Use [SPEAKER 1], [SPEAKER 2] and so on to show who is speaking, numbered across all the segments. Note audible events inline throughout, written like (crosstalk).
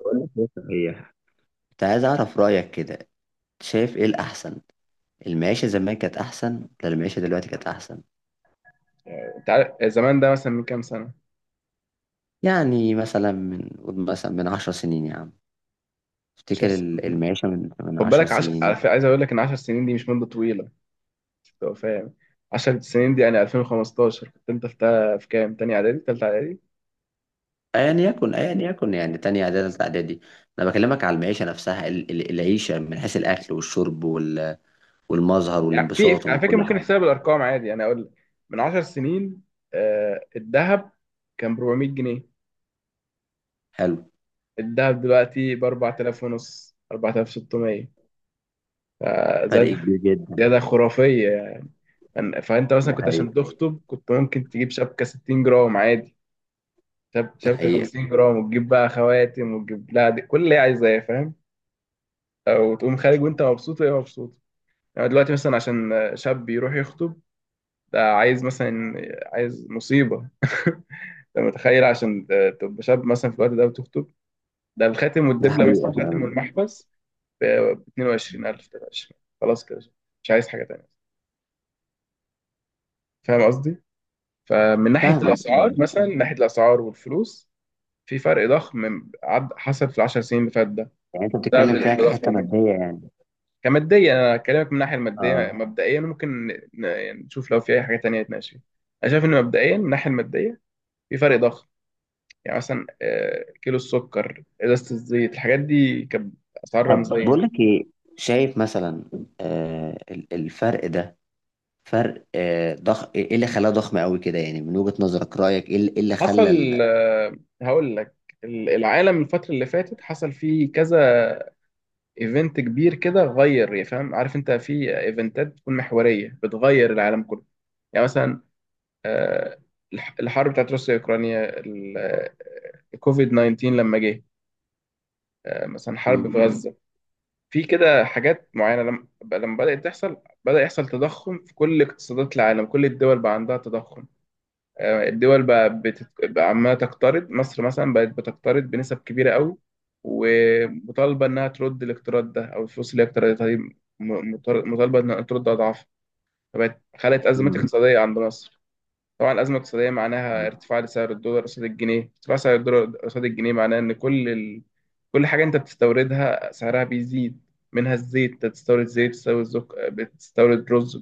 [SPEAKER 1] بقول لك ايه صحيح. كنت عايز اعرف رايك كده. شايف ايه الاحسن؟ المعيشه زمان كانت احسن ولا المعيشه دلوقتي كانت احسن؟
[SPEAKER 2] انت عارف، زمان ده مثلا من كام سنه؟
[SPEAKER 1] يعني مثلا من قول مثلا من 10 سنين يا عم.
[SPEAKER 2] 10
[SPEAKER 1] افتكر
[SPEAKER 2] سنين.
[SPEAKER 1] المعيشه من
[SPEAKER 2] خد
[SPEAKER 1] عشر
[SPEAKER 2] بالك
[SPEAKER 1] سنين
[SPEAKER 2] على فكرة، عايز اقول لك ان 10 سنين دي مش مده طويله. مش تبقى فاهم. 10 سنين دي يعني 2015 كنت انت في كام؟ تاني اعدادي، تالتة اعدادي.
[SPEAKER 1] ايا يكن يعني تانية اعدادي تالتة اعدادي. انا بكلمك على المعيشه نفسها، العيشه من حيث الاكل والشرب والمظهر
[SPEAKER 2] يعني في،
[SPEAKER 1] والانبساط ومن
[SPEAKER 2] على فكره،
[SPEAKER 1] كل
[SPEAKER 2] ممكن
[SPEAKER 1] حاجه.
[SPEAKER 2] نحسبها بالارقام عادي، يعني اقول لك من 10 سنين الذهب كان ب 400 جنيه.
[SPEAKER 1] حلو.
[SPEAKER 2] الذهب دلوقتي ب 4000 ونص، 4600. زاد.
[SPEAKER 1] فرق كبير جدا.
[SPEAKER 2] زياده خرافيه. يعني فانت مثلا
[SPEAKER 1] ده
[SPEAKER 2] كنت
[SPEAKER 1] حقيقة.
[SPEAKER 2] عشان تخطب كنت ممكن تجيب شبكه 60 جرام عادي،
[SPEAKER 1] ده
[SPEAKER 2] شبكة
[SPEAKER 1] حقيقة.
[SPEAKER 2] 50 جرام، وتجيب بقى خواتم، وتجيب، لا دي كل اللي هي عايزاه، فاهم. او تقوم خارج وانت مبسوط وهي مبسوطة. يعني دلوقتي مثلا عشان شاب يروح يخطب، ده عايز مثلا، عايز مصيبة. (laughs) انت متخيل عشان تبقى شاب مثلا في الوقت ده وتخطب، ده الخاتم
[SPEAKER 1] ده
[SPEAKER 2] والدبلة، مثلا
[SPEAKER 1] حقيقة
[SPEAKER 2] الخاتم
[SPEAKER 1] فعلا.
[SPEAKER 2] والمحبس، ب 22000، 23، خلاص كده. مش عايز حاجة تانية. فاهم قصدي؟ فمن ناحية
[SPEAKER 1] فاهمك، آه.
[SPEAKER 2] الأسعار، مثلا من ناحية الأسعار والفلوس، في فرق ضخم عد حصل في العشر سنين اللي فات ده،
[SPEAKER 1] يعني انت
[SPEAKER 2] بسبب
[SPEAKER 1] بتتكلم فيها كحتة
[SPEAKER 2] التضخم.
[SPEAKER 1] مادية يعني؟
[SPEAKER 2] كماديا، انا اكلمك من الناحيه
[SPEAKER 1] اه.
[SPEAKER 2] الماديه مبدئيا، ممكن يعني نشوف لو في اي حاجه تانية نتناقش فيها. انا شايف ان مبدئيا من الناحيه الماديه، في فرق ضخم. يعني مثلا، كيلو السكر، ازازه الزيت، الحاجات دي كانت اسعار
[SPEAKER 1] طب
[SPEAKER 2] رمزيه.
[SPEAKER 1] بقول لك ايه، شايف مثلا الفرق ده فرق ضخ ايه، إيه اللي خلاه ضخم قوي كده يعني؟ من وجهة نظرك، رأيك ايه؟ اللي إيه اللي خلى
[SPEAKER 2] حصل، هقول لك، العالم، الفتره اللي فاتت حصل فيه كذا ايفنت كبير كده، غير يعني، فاهم، عارف انت في ايفنتات بتكون محوريه بتغير العالم كله. يعني مثلا، آه، الحرب بتاعت روسيا واوكرانيا، كوفيد 19 لما جه، مثلا حرب
[SPEAKER 1] مم.
[SPEAKER 2] في غزة. في كده حاجات معينة، لما بدأت تحصل، بدأ يحصل تضخم في كل اقتصادات العالم، كل الدول بقى عندها تضخم. الدول بقى عمالة تقترض، مصر مثلا بقت بتقترض بنسب كبيرة قوي، ومطالبة إنها ترد الاقتراض ده، أو الفلوس اللي هي اقترضتها دي، مطالبة إنها ترد أضعاف. فبقت خلقت أزمات
[SPEAKER 1] مم.
[SPEAKER 2] اقتصادية عند مصر. طبعا، الأزمة الاقتصادية معناها ارتفاع لسعر الدولار قصاد الجنيه، ارتفاع سعر الدولار قصاد الجنيه معناه إن كل كل حاجة أنت بتستوردها سعرها بيزيد، منها الزيت، أنت بتستورد زيت، بتستورد بتستورد رز،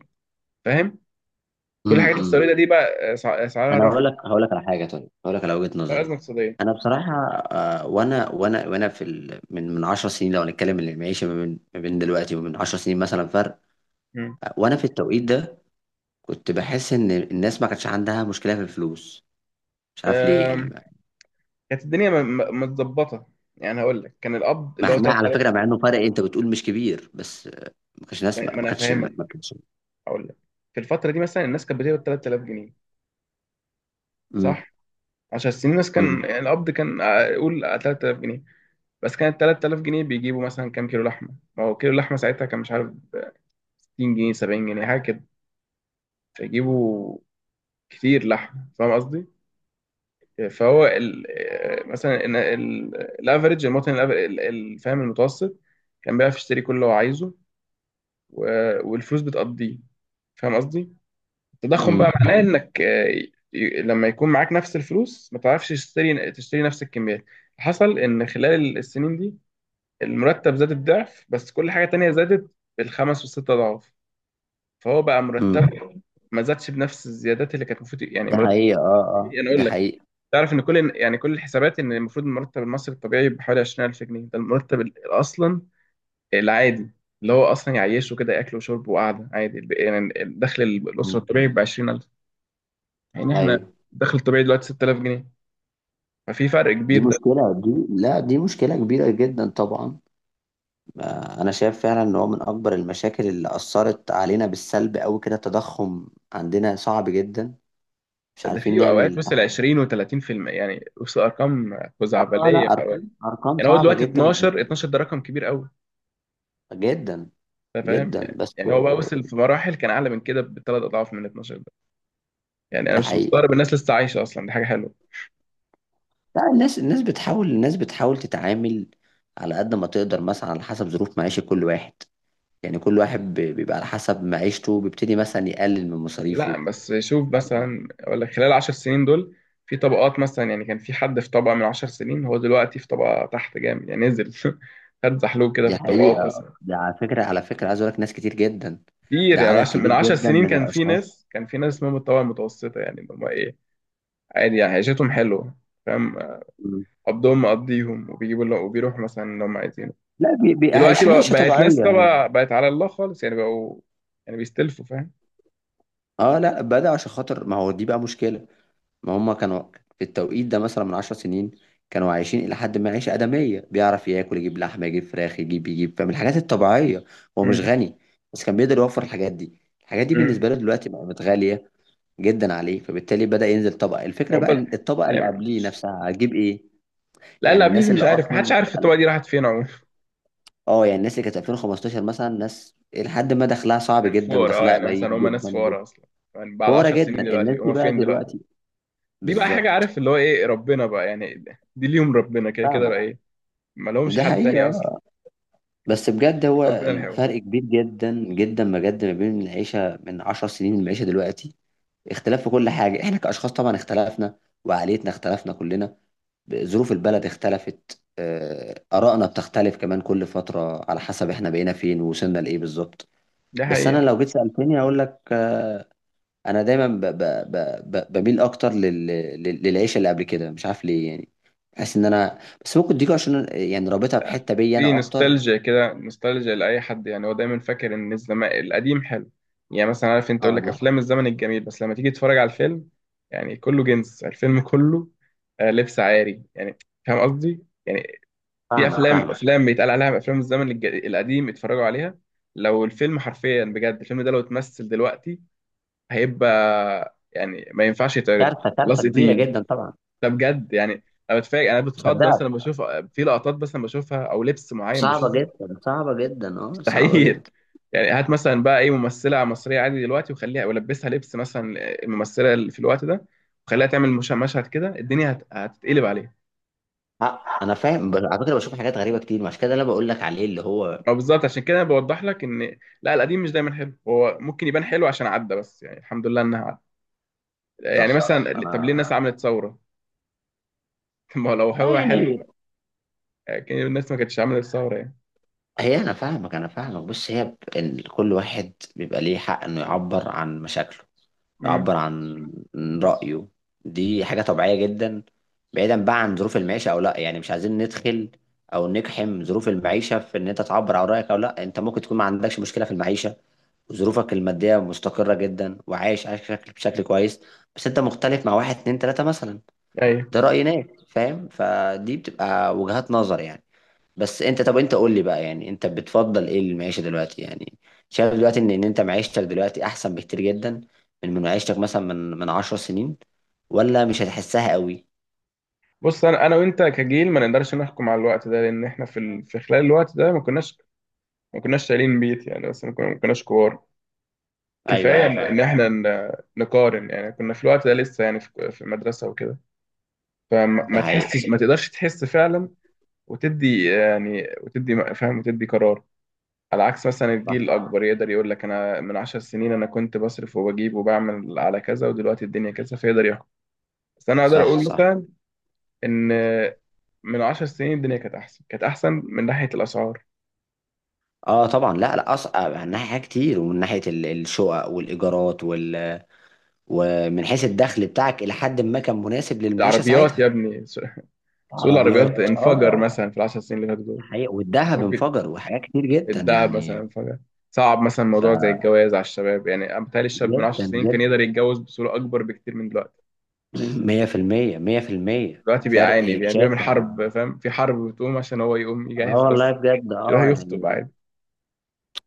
[SPEAKER 2] فاهم؟ كل
[SPEAKER 1] مم.
[SPEAKER 2] حاجة
[SPEAKER 1] مم.
[SPEAKER 2] بتستوردها دي بقى سعرها
[SPEAKER 1] انا هقول
[SPEAKER 2] رفع،
[SPEAKER 1] لك هقول لك على حاجة. طيب هقول لك على وجهة
[SPEAKER 2] ده أزمة
[SPEAKER 1] نظري.
[SPEAKER 2] اقتصادية.
[SPEAKER 1] انا بصراحة وانا في من 10 سنين، لو هنتكلم من المعيشة ما بين ما بين دلوقتي ومن 10 سنين، مثلا فرق.
[SPEAKER 2] مم.
[SPEAKER 1] وانا في التوقيت ده كنت بحس ان الناس ما كانتش عندها مشكلة في الفلوس. مش عارف ليه يعني.
[SPEAKER 2] أم، كانت الدنيا متظبطة، يعني هقول لك، كان القبض اللي
[SPEAKER 1] مع
[SPEAKER 2] هو
[SPEAKER 1] انها على
[SPEAKER 2] 3000.
[SPEAKER 1] فكره، مع انه فرق انت بتقول مش كبير، بس ما كانش نسمع،
[SPEAKER 2] ما
[SPEAKER 1] ما
[SPEAKER 2] أنا
[SPEAKER 1] كانش ما
[SPEAKER 2] فاهمك،
[SPEAKER 1] ما كانش
[SPEAKER 2] هقول لك، في الفترة دي مثلا، الناس كانت بتقبض 3000 جنيه،
[SPEAKER 1] امم.
[SPEAKER 2] صح؟ 10 سنين الناس كان،
[SPEAKER 1] امم.
[SPEAKER 2] يعني القبض كان، قول 3000 جنيه. بس كانت 3000 جنيه بيجيبوا مثلا كام كيلو لحمه؟ ما هو كيلو اللحمه ساعتها كان، مش عارف، 60 جنيه، 70 جنيه، حاجه كده. فيجيبوا كتير لحمه، فاهم قصدي. فهو ال آه، مثلا إن الافريج، المواطن، فاهم، المتوسط، كان بيعرف يشتري كل اللي هو عايزه، والفلوس بتقضيه، فاهم قصدي. التضخم
[SPEAKER 1] امم.
[SPEAKER 2] بقى معناه انك، لما يكون معاك نفس الفلوس، ما تعرفش تشتري نفس الكميات. حصل ان خلال السنين دي، المرتب زاد الضعف، بس كل حاجة تانية زادت بالخمس والست أضعاف. فهو بقى
[SPEAKER 1] امم.
[SPEAKER 2] مرتبه ما زادش بنفس الزيادات اللي كانت المفروض، يعني
[SPEAKER 1] ده
[SPEAKER 2] مرتب.
[SPEAKER 1] حقيقه، اه اه،
[SPEAKER 2] يعني
[SPEAKER 1] ده
[SPEAKER 2] أقول لك،
[SPEAKER 1] حقيقه.
[SPEAKER 2] تعرف إن كل الحسابات، إن المفروض المرتب المصري الطبيعي بحوالي 20000 جنيه، ده المرتب أصلا العادي، اللي هو أصلا يعيشه كده، أكل وشرب وقعدة عادي، يعني الدخل الأسرة
[SPEAKER 1] مم.
[SPEAKER 2] الطبيعي ب 20000. يعني إحنا،
[SPEAKER 1] ايوه.
[SPEAKER 2] الدخل الطبيعي دلوقتي 6000 جنيه. ففي فرق
[SPEAKER 1] دي
[SPEAKER 2] كبير ده.
[SPEAKER 1] مشكله، دي، لا دي مشكله كبيره جدا طبعا. انا شايف فعلا ان هو من اكبر المشاكل اللي اثرت علينا بالسلب قوي كده التضخم. عندنا صعب جدا. مش
[SPEAKER 2] ده
[SPEAKER 1] عارفين
[SPEAKER 2] في أوقات
[SPEAKER 1] نعمل
[SPEAKER 2] وصل
[SPEAKER 1] تح-.
[SPEAKER 2] 20 و30%، يعني وصل أرقام
[SPEAKER 1] اه لا،
[SPEAKER 2] خزعبلية.
[SPEAKER 1] ارقام، ارقام
[SPEAKER 2] يعني هو
[SPEAKER 1] صعبه
[SPEAKER 2] دلوقتي
[SPEAKER 1] جدا.
[SPEAKER 2] 12 ده رقم كبير قوي،
[SPEAKER 1] جدا
[SPEAKER 2] انت فاهم.
[SPEAKER 1] جدا بس.
[SPEAKER 2] يعني هو بقى وصل في مراحل كان اعلى من كده ب3 اضعاف من 12 ده. يعني انا
[SPEAKER 1] ده
[SPEAKER 2] مش
[SPEAKER 1] حقيقي.
[SPEAKER 2] مستغرب الناس لسه عايشه اصلا، دي حاجه حلوه.
[SPEAKER 1] لا الناس، الناس بتحاول تتعامل على قد ما تقدر، مثلا على حسب ظروف معيشة كل واحد. يعني كل واحد بيبقى على حسب معيشته بيبتدي مثلا يقلل من مصاريفه.
[SPEAKER 2] لا، بس شوف مثلا، اقول لك خلال 10 سنين دول، في طبقات مثلا، يعني كان في حد في طبقه من 10 سنين، هو دلوقتي في طبقه تحت جامد، يعني نزل (laughs) خد زحلوب كده في
[SPEAKER 1] دي
[SPEAKER 2] الطبقات
[SPEAKER 1] حقيقة.
[SPEAKER 2] مثلا.
[SPEAKER 1] ده على فكرة، على فكرة عايز أقول لك ناس كتير جدا.
[SPEAKER 2] كتير،
[SPEAKER 1] ده
[SPEAKER 2] يعني
[SPEAKER 1] عدد
[SPEAKER 2] عشان من
[SPEAKER 1] كبير
[SPEAKER 2] 10
[SPEAKER 1] جدا
[SPEAKER 2] سنين
[SPEAKER 1] من
[SPEAKER 2] كان في
[SPEAKER 1] الأشخاص.
[SPEAKER 2] ناس كان في ناس اسمهم الطبقه المتوسطه، يعني اللي هم ايه، عادي يعني عيشتهم حلوه، فاهم.
[SPEAKER 1] مم.
[SPEAKER 2] قبضهم مقضيهم، وبيجيبوا اللي، وبيروحوا مثلا اللي هم عايزينه.
[SPEAKER 1] لا
[SPEAKER 2] دلوقتي
[SPEAKER 1] عايشين
[SPEAKER 2] بقى،
[SPEAKER 1] عيشة
[SPEAKER 2] بقت ناس
[SPEAKER 1] طبيعية.
[SPEAKER 2] طبعا، بقت على الله خالص، يعني بقوا، يعني بيستلفوا، فاهم.
[SPEAKER 1] اه لا بدأ، عشان خاطر ما هو دي بقى مشكلة. ما هم كانوا في التوقيت ده مثلا من عشر سنين كانوا عايشين إلى حد ما عيشة آدمية، بيعرف ياكل، يجيب لحمة، يجيب فراخ، يجيب فمن الحاجات الطبيعية. هو مش
[SPEAKER 2] امم
[SPEAKER 1] غني، بس كان بيقدر يوفر الحاجات دي. الحاجات دي
[SPEAKER 2] امم
[SPEAKER 1] بالنسبة له دلوقتي بقت غالية جدا عليه، فبالتالي بدأ ينزل طبقة. الفكرة
[SPEAKER 2] هو
[SPEAKER 1] بقى
[SPEAKER 2] بس،
[SPEAKER 1] إن الطبقة
[SPEAKER 2] زي
[SPEAKER 1] اللي
[SPEAKER 2] ما،
[SPEAKER 1] قبليه نفسها هتجيب إيه؟
[SPEAKER 2] لا، اللي
[SPEAKER 1] يعني
[SPEAKER 2] قبليه
[SPEAKER 1] الناس
[SPEAKER 2] دي، مش
[SPEAKER 1] اللي
[SPEAKER 2] عارف، محدش
[SPEAKER 1] أصلا،
[SPEAKER 2] عارف الطبقه دي راحت فين عموما.
[SPEAKER 1] اه يعني الناس اللي كانت 2015 مثلا، ناس لحد ما دخلها صعب
[SPEAKER 2] كان
[SPEAKER 1] جدا
[SPEAKER 2] فقراء، اه،
[SPEAKER 1] ودخلها
[SPEAKER 2] يعني مثلا
[SPEAKER 1] قليل
[SPEAKER 2] هم ناس
[SPEAKER 1] جدا جدا.
[SPEAKER 2] فقراء اصلا. يعني بعد
[SPEAKER 1] فورة
[SPEAKER 2] 10 سنين
[SPEAKER 1] جدا
[SPEAKER 2] دلوقتي
[SPEAKER 1] الناس دي
[SPEAKER 2] هم
[SPEAKER 1] بقى
[SPEAKER 2] فين دلوقتي؟
[SPEAKER 1] دلوقتي.
[SPEAKER 2] دي بقى حاجه،
[SPEAKER 1] بالظبط.
[SPEAKER 2] عارف اللي هو ايه، ربنا بقى، يعني دي ليهم ربنا، كده كده
[SPEAKER 1] فاهمة.
[SPEAKER 2] بقى ايه. ما لهمش
[SPEAKER 1] ده
[SPEAKER 2] حد تاني
[SPEAKER 1] حقيقة.
[SPEAKER 2] اصلا.
[SPEAKER 1] بس
[SPEAKER 2] يعني،
[SPEAKER 1] بجد هو
[SPEAKER 2] ربنا الحيوان.
[SPEAKER 1] الفرق كبير جدا جدا بجد ما بين العيشة من 10 سنين للعيشة دلوقتي. اختلاف في كل حاجة. احنا كأشخاص طبعا اختلفنا، وعقليتنا اختلفنا كلنا، ظروف البلد اختلفت، آرائنا بتختلف كمان كل فترة على حسب احنا بقينا فين ووصلنا لإيه بالظبط.
[SPEAKER 2] ده
[SPEAKER 1] بس أنا
[SPEAKER 2] حقيقه.
[SPEAKER 1] لو جيت سألتني هقول لك، أنا دايما ب ب ب ب بميل أكتر للعيشة اللي قبل كده، مش عارف ليه يعني. بحس إن أنا، بس ممكن دي عشان يعني رابطها
[SPEAKER 2] لا،
[SPEAKER 1] بحتة بيا
[SPEAKER 2] دي
[SPEAKER 1] أنا أكتر.
[SPEAKER 2] نوستالجيا كده، نوستالجيا لأي حد، يعني هو دايما فاكر إن الزمان القديم حلو. يعني مثلا عارف أنت، يقول
[SPEAKER 1] اه
[SPEAKER 2] لك
[SPEAKER 1] ده.
[SPEAKER 2] أفلام الزمن الجميل، بس لما تيجي تتفرج على الفيلم، يعني كله جنس، الفيلم كله لبس عاري، يعني. فاهم قصدي؟ يعني في
[SPEAKER 1] فاهمك،
[SPEAKER 2] أفلام
[SPEAKER 1] فاهمك.
[SPEAKER 2] أفلام بيتقال عليها أفلام الزمن القديم، اتفرجوا عليها. لو الفيلم حرفيا، بجد الفيلم ده لو اتمثل دلوقتي، هيبقى يعني ما ينفعش يتعرض.
[SPEAKER 1] كارثه، كارثه
[SPEAKER 2] لصق
[SPEAKER 1] كبيره
[SPEAKER 2] تقيل.
[SPEAKER 1] جدا طبعا.
[SPEAKER 2] ده بجد يعني. انا بتفاجئ، انا بتخض
[SPEAKER 1] مصدقك.
[SPEAKER 2] مثلا لما بشوف، في لقطات، بس لما بشوفها او لبس معين
[SPEAKER 1] صعبه
[SPEAKER 2] بشوفه،
[SPEAKER 1] جدا، صعبه جدا، اه صعبه
[SPEAKER 2] مستحيل.
[SPEAKER 1] جدا.
[SPEAKER 2] يعني هات مثلا بقى اي ممثله مصريه عادي دلوقتي وخليها، ولبسها لبس مثلا الممثله اللي في الوقت ده، وخليها تعمل مشهد كده، الدنيا هتتقلب عليها.
[SPEAKER 1] آه انا فاهم، بس على فكره بشوف حاجات غريبه كتير، مش كده اللي انا بقول لك عليه اللي هو.
[SPEAKER 2] ما بالظبط، عشان كده انا بوضح لك ان لا، القديم مش دايما حلو، هو ممكن يبان حلو عشان عدى، بس يعني الحمد لله انها عدى. يعني
[SPEAKER 1] صح.
[SPEAKER 2] مثلا، طب ليه
[SPEAKER 1] انا
[SPEAKER 2] الناس عملت ثوره؟ (laughs) ما هو لو هو حلو،
[SPEAKER 1] يعني.
[SPEAKER 2] كان الناس ما كانتش عملت ثوره يعني.
[SPEAKER 1] هي انا فاهمك، انا فاهمك. بص، هي إن كل واحد بيبقى ليه حق انه يعبر عن مشاكله، يعبر
[SPEAKER 2] امم.
[SPEAKER 1] عن رايه. دي حاجه طبيعيه جدا. بعيدا بقى عن ظروف المعيشه او لا، يعني مش عايزين ندخل او نقحم ظروف المعيشه في ان انت تعبر عن رايك او لا. انت ممكن تكون ما عندكش مشكله في المعيشه، ظروفك المادية مستقرة جدا وعايش، عايش بشكل، بشكل كويس، بس انت مختلف مع واحد اتنين تلاتة مثلا. ده رأي ناس، فاهم؟ فدي بتبقى وجهات نظر يعني. بس انت، طب انت قول لي بقى، يعني انت بتفضل ايه المعيشة دلوقتي يعني؟ شايف دلوقتي ان، ان انت معيشتك دلوقتي احسن بكتير جدا من، من معيشتك مثلا من 10 سنين، ولا مش هتحسها قوي؟
[SPEAKER 2] بص، انا وانت كجيل ما نقدرش نحكم على الوقت ده، لان احنا في في خلال الوقت ده ما كناش، ما كناش شايلين بيت يعني، بس ما كناش كبار.
[SPEAKER 1] ايوه،
[SPEAKER 2] كفايه
[SPEAKER 1] ايوه
[SPEAKER 2] ان
[SPEAKER 1] فاهم.
[SPEAKER 2] إن احنا نقارن، يعني كنا في الوقت ده لسه يعني في المدرسه وكده. فما
[SPEAKER 1] ده
[SPEAKER 2] ما
[SPEAKER 1] حقيقي.
[SPEAKER 2] تحسش، ما تقدرش تحس فعلا، وتدي يعني وتدي فاهم وتدي قرار. على عكس مثلا
[SPEAKER 1] صح.
[SPEAKER 2] الجيل الاكبر يقدر يقول لك، انا من 10 سنين انا كنت بصرف وبجيب وبعمل على كذا، ودلوقتي الدنيا كذا، فيقدر يحكم. بس انا اقدر
[SPEAKER 1] صح.
[SPEAKER 2] اقول
[SPEAKER 1] صح.
[SPEAKER 2] مثلا ان من 10 سنين الدنيا كانت احسن، كانت احسن من ناحيه الاسعار.
[SPEAKER 1] اه طبعا، لا لا، اصعب من ناحية حاجات كتير، ومن ناحية الشقق والايجارات وال، ومن حيث الدخل بتاعك إلى حد ما كان مناسب للمعيشة
[SPEAKER 2] العربيات يا
[SPEAKER 1] ساعتها.
[SPEAKER 2] ابني، سوق، سوق العربيات
[SPEAKER 1] عربيات، اه لا
[SPEAKER 2] انفجر
[SPEAKER 1] لا.
[SPEAKER 2] مثلا في العشر سنين اللي فاتوا
[SPEAKER 1] ده
[SPEAKER 2] دول.
[SPEAKER 1] حقيقي، والذهب
[SPEAKER 2] ممكن
[SPEAKER 1] انفجر، وحاجات كتير جدا
[SPEAKER 2] الدهب مثلا
[SPEAKER 1] يعني.
[SPEAKER 2] انفجر. صعب مثلا
[SPEAKER 1] ف
[SPEAKER 2] موضوع زي الجواز على الشباب، يعني أنا بتهيألي الشاب من عشر
[SPEAKER 1] جدا
[SPEAKER 2] سنين كان
[SPEAKER 1] جدا.
[SPEAKER 2] يقدر يتجوز بصوره اكبر بكتير من دلوقتي.
[SPEAKER 1] (clears throat) 100%، 100%
[SPEAKER 2] دلوقتي بيعاني،
[SPEAKER 1] فرق
[SPEAKER 2] يعني بيعمل
[SPEAKER 1] شاسع.
[SPEAKER 2] حرب، فاهم، في حرب بتقوم عشان هو يقوم
[SPEAKER 1] اه
[SPEAKER 2] يجهز
[SPEAKER 1] والله
[SPEAKER 2] بس
[SPEAKER 1] بجد،
[SPEAKER 2] يروح
[SPEAKER 1] اه
[SPEAKER 2] يخطب
[SPEAKER 1] يعني.
[SPEAKER 2] عادي.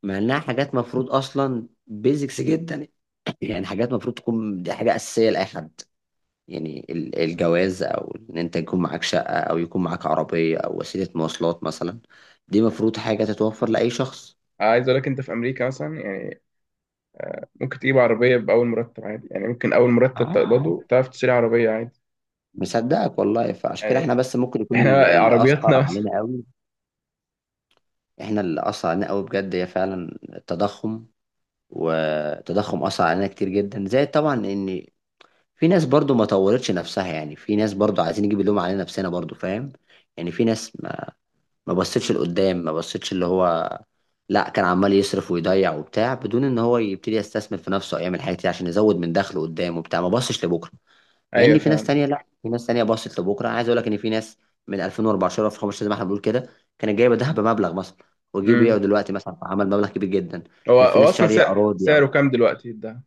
[SPEAKER 1] مع انها حاجات مفروض اصلا بيزكس جدا. (clears throat) يعني حاجات مفروض تكون دي حاجه اساسيه لاي حد. يعني الجواز، او ان انت يكون معاك شقه، او يكون معاك عربيه او وسيله مواصلات مثلا، دي مفروض حاجه تتوفر لاي شخص.
[SPEAKER 2] عايز اقول لك، انت في امريكا مثلا يعني، ممكن تجيب عربيه باول مرتب عادي، يعني ممكن اول مرتب
[SPEAKER 1] عادي.
[SPEAKER 2] تقبضه تعرف تشتري عربيه عادي.
[SPEAKER 1] مصدقك والله. فعشان كده احنا
[SPEAKER 2] يعني
[SPEAKER 1] بس ممكن يكون
[SPEAKER 2] احنا
[SPEAKER 1] اللي اثر
[SPEAKER 2] عربياتنا. (laughs)
[SPEAKER 1] علينا قوي، احنا اللي اثر علينا قوي بجد هي فعلا التضخم. والتضخم اثر علينا كتير جدا، زائد طبعا ان في ناس برضو ما طورتش نفسها. يعني في ناس برضو عايزين نجيب اللوم علينا نفسنا برضو، فاهم؟ يعني في ناس ما، ما بصتش لقدام، ما بصتش اللي هو، لا، كان عمال يصرف ويضيع وبتاع بدون ان هو يبتدي يستثمر في نفسه او يعمل حاجات كتير عشان يزود من دخله قدام وبتاع. ما بصش لبكره. مع
[SPEAKER 2] ايوه
[SPEAKER 1] ان في ناس
[SPEAKER 2] فاهم.
[SPEAKER 1] تانية لا، في ناس تانية باصت لبكره. عايز اقول لك ان في ناس من 2014، 2015 زي ما احنا بنقول كده، كانت جايبه ذهب بمبلغ مثلا، وجي بيعه
[SPEAKER 2] امم.
[SPEAKER 1] دلوقتي مثلا، عمل مبلغ كبير جدا.
[SPEAKER 2] هو
[SPEAKER 1] كان في
[SPEAKER 2] هو
[SPEAKER 1] ناس
[SPEAKER 2] اصلا
[SPEAKER 1] شاريه
[SPEAKER 2] سعر
[SPEAKER 1] اراضي او،
[SPEAKER 2] سعره كام دلوقتي ده؟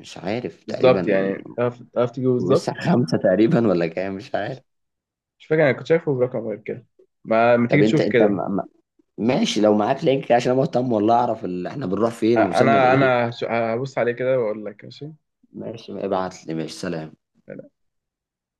[SPEAKER 1] مش عارف
[SPEAKER 2] بالظبط،
[SPEAKER 1] تقريبا.
[SPEAKER 2] يعني تعرف تجيبه بالظبط.
[SPEAKER 1] لسه خمسه تقريبا ولا كام مش عارف.
[SPEAKER 2] مش فاكر، انا كنت شايفه برقم غير كده. ما تيجي
[SPEAKER 1] طب انت،
[SPEAKER 2] تشوف
[SPEAKER 1] انت
[SPEAKER 2] كده.
[SPEAKER 1] ماشي، لو معاك لينك عشان انا مهتم والله اعرف اللي احنا بنروح
[SPEAKER 2] أ-
[SPEAKER 1] فين ووصلنا
[SPEAKER 2] انا
[SPEAKER 1] لايه.
[SPEAKER 2] انا هبص عليه كده واقول لك ماشي
[SPEAKER 1] ماشي، ابعت لي، ماشي، سلام.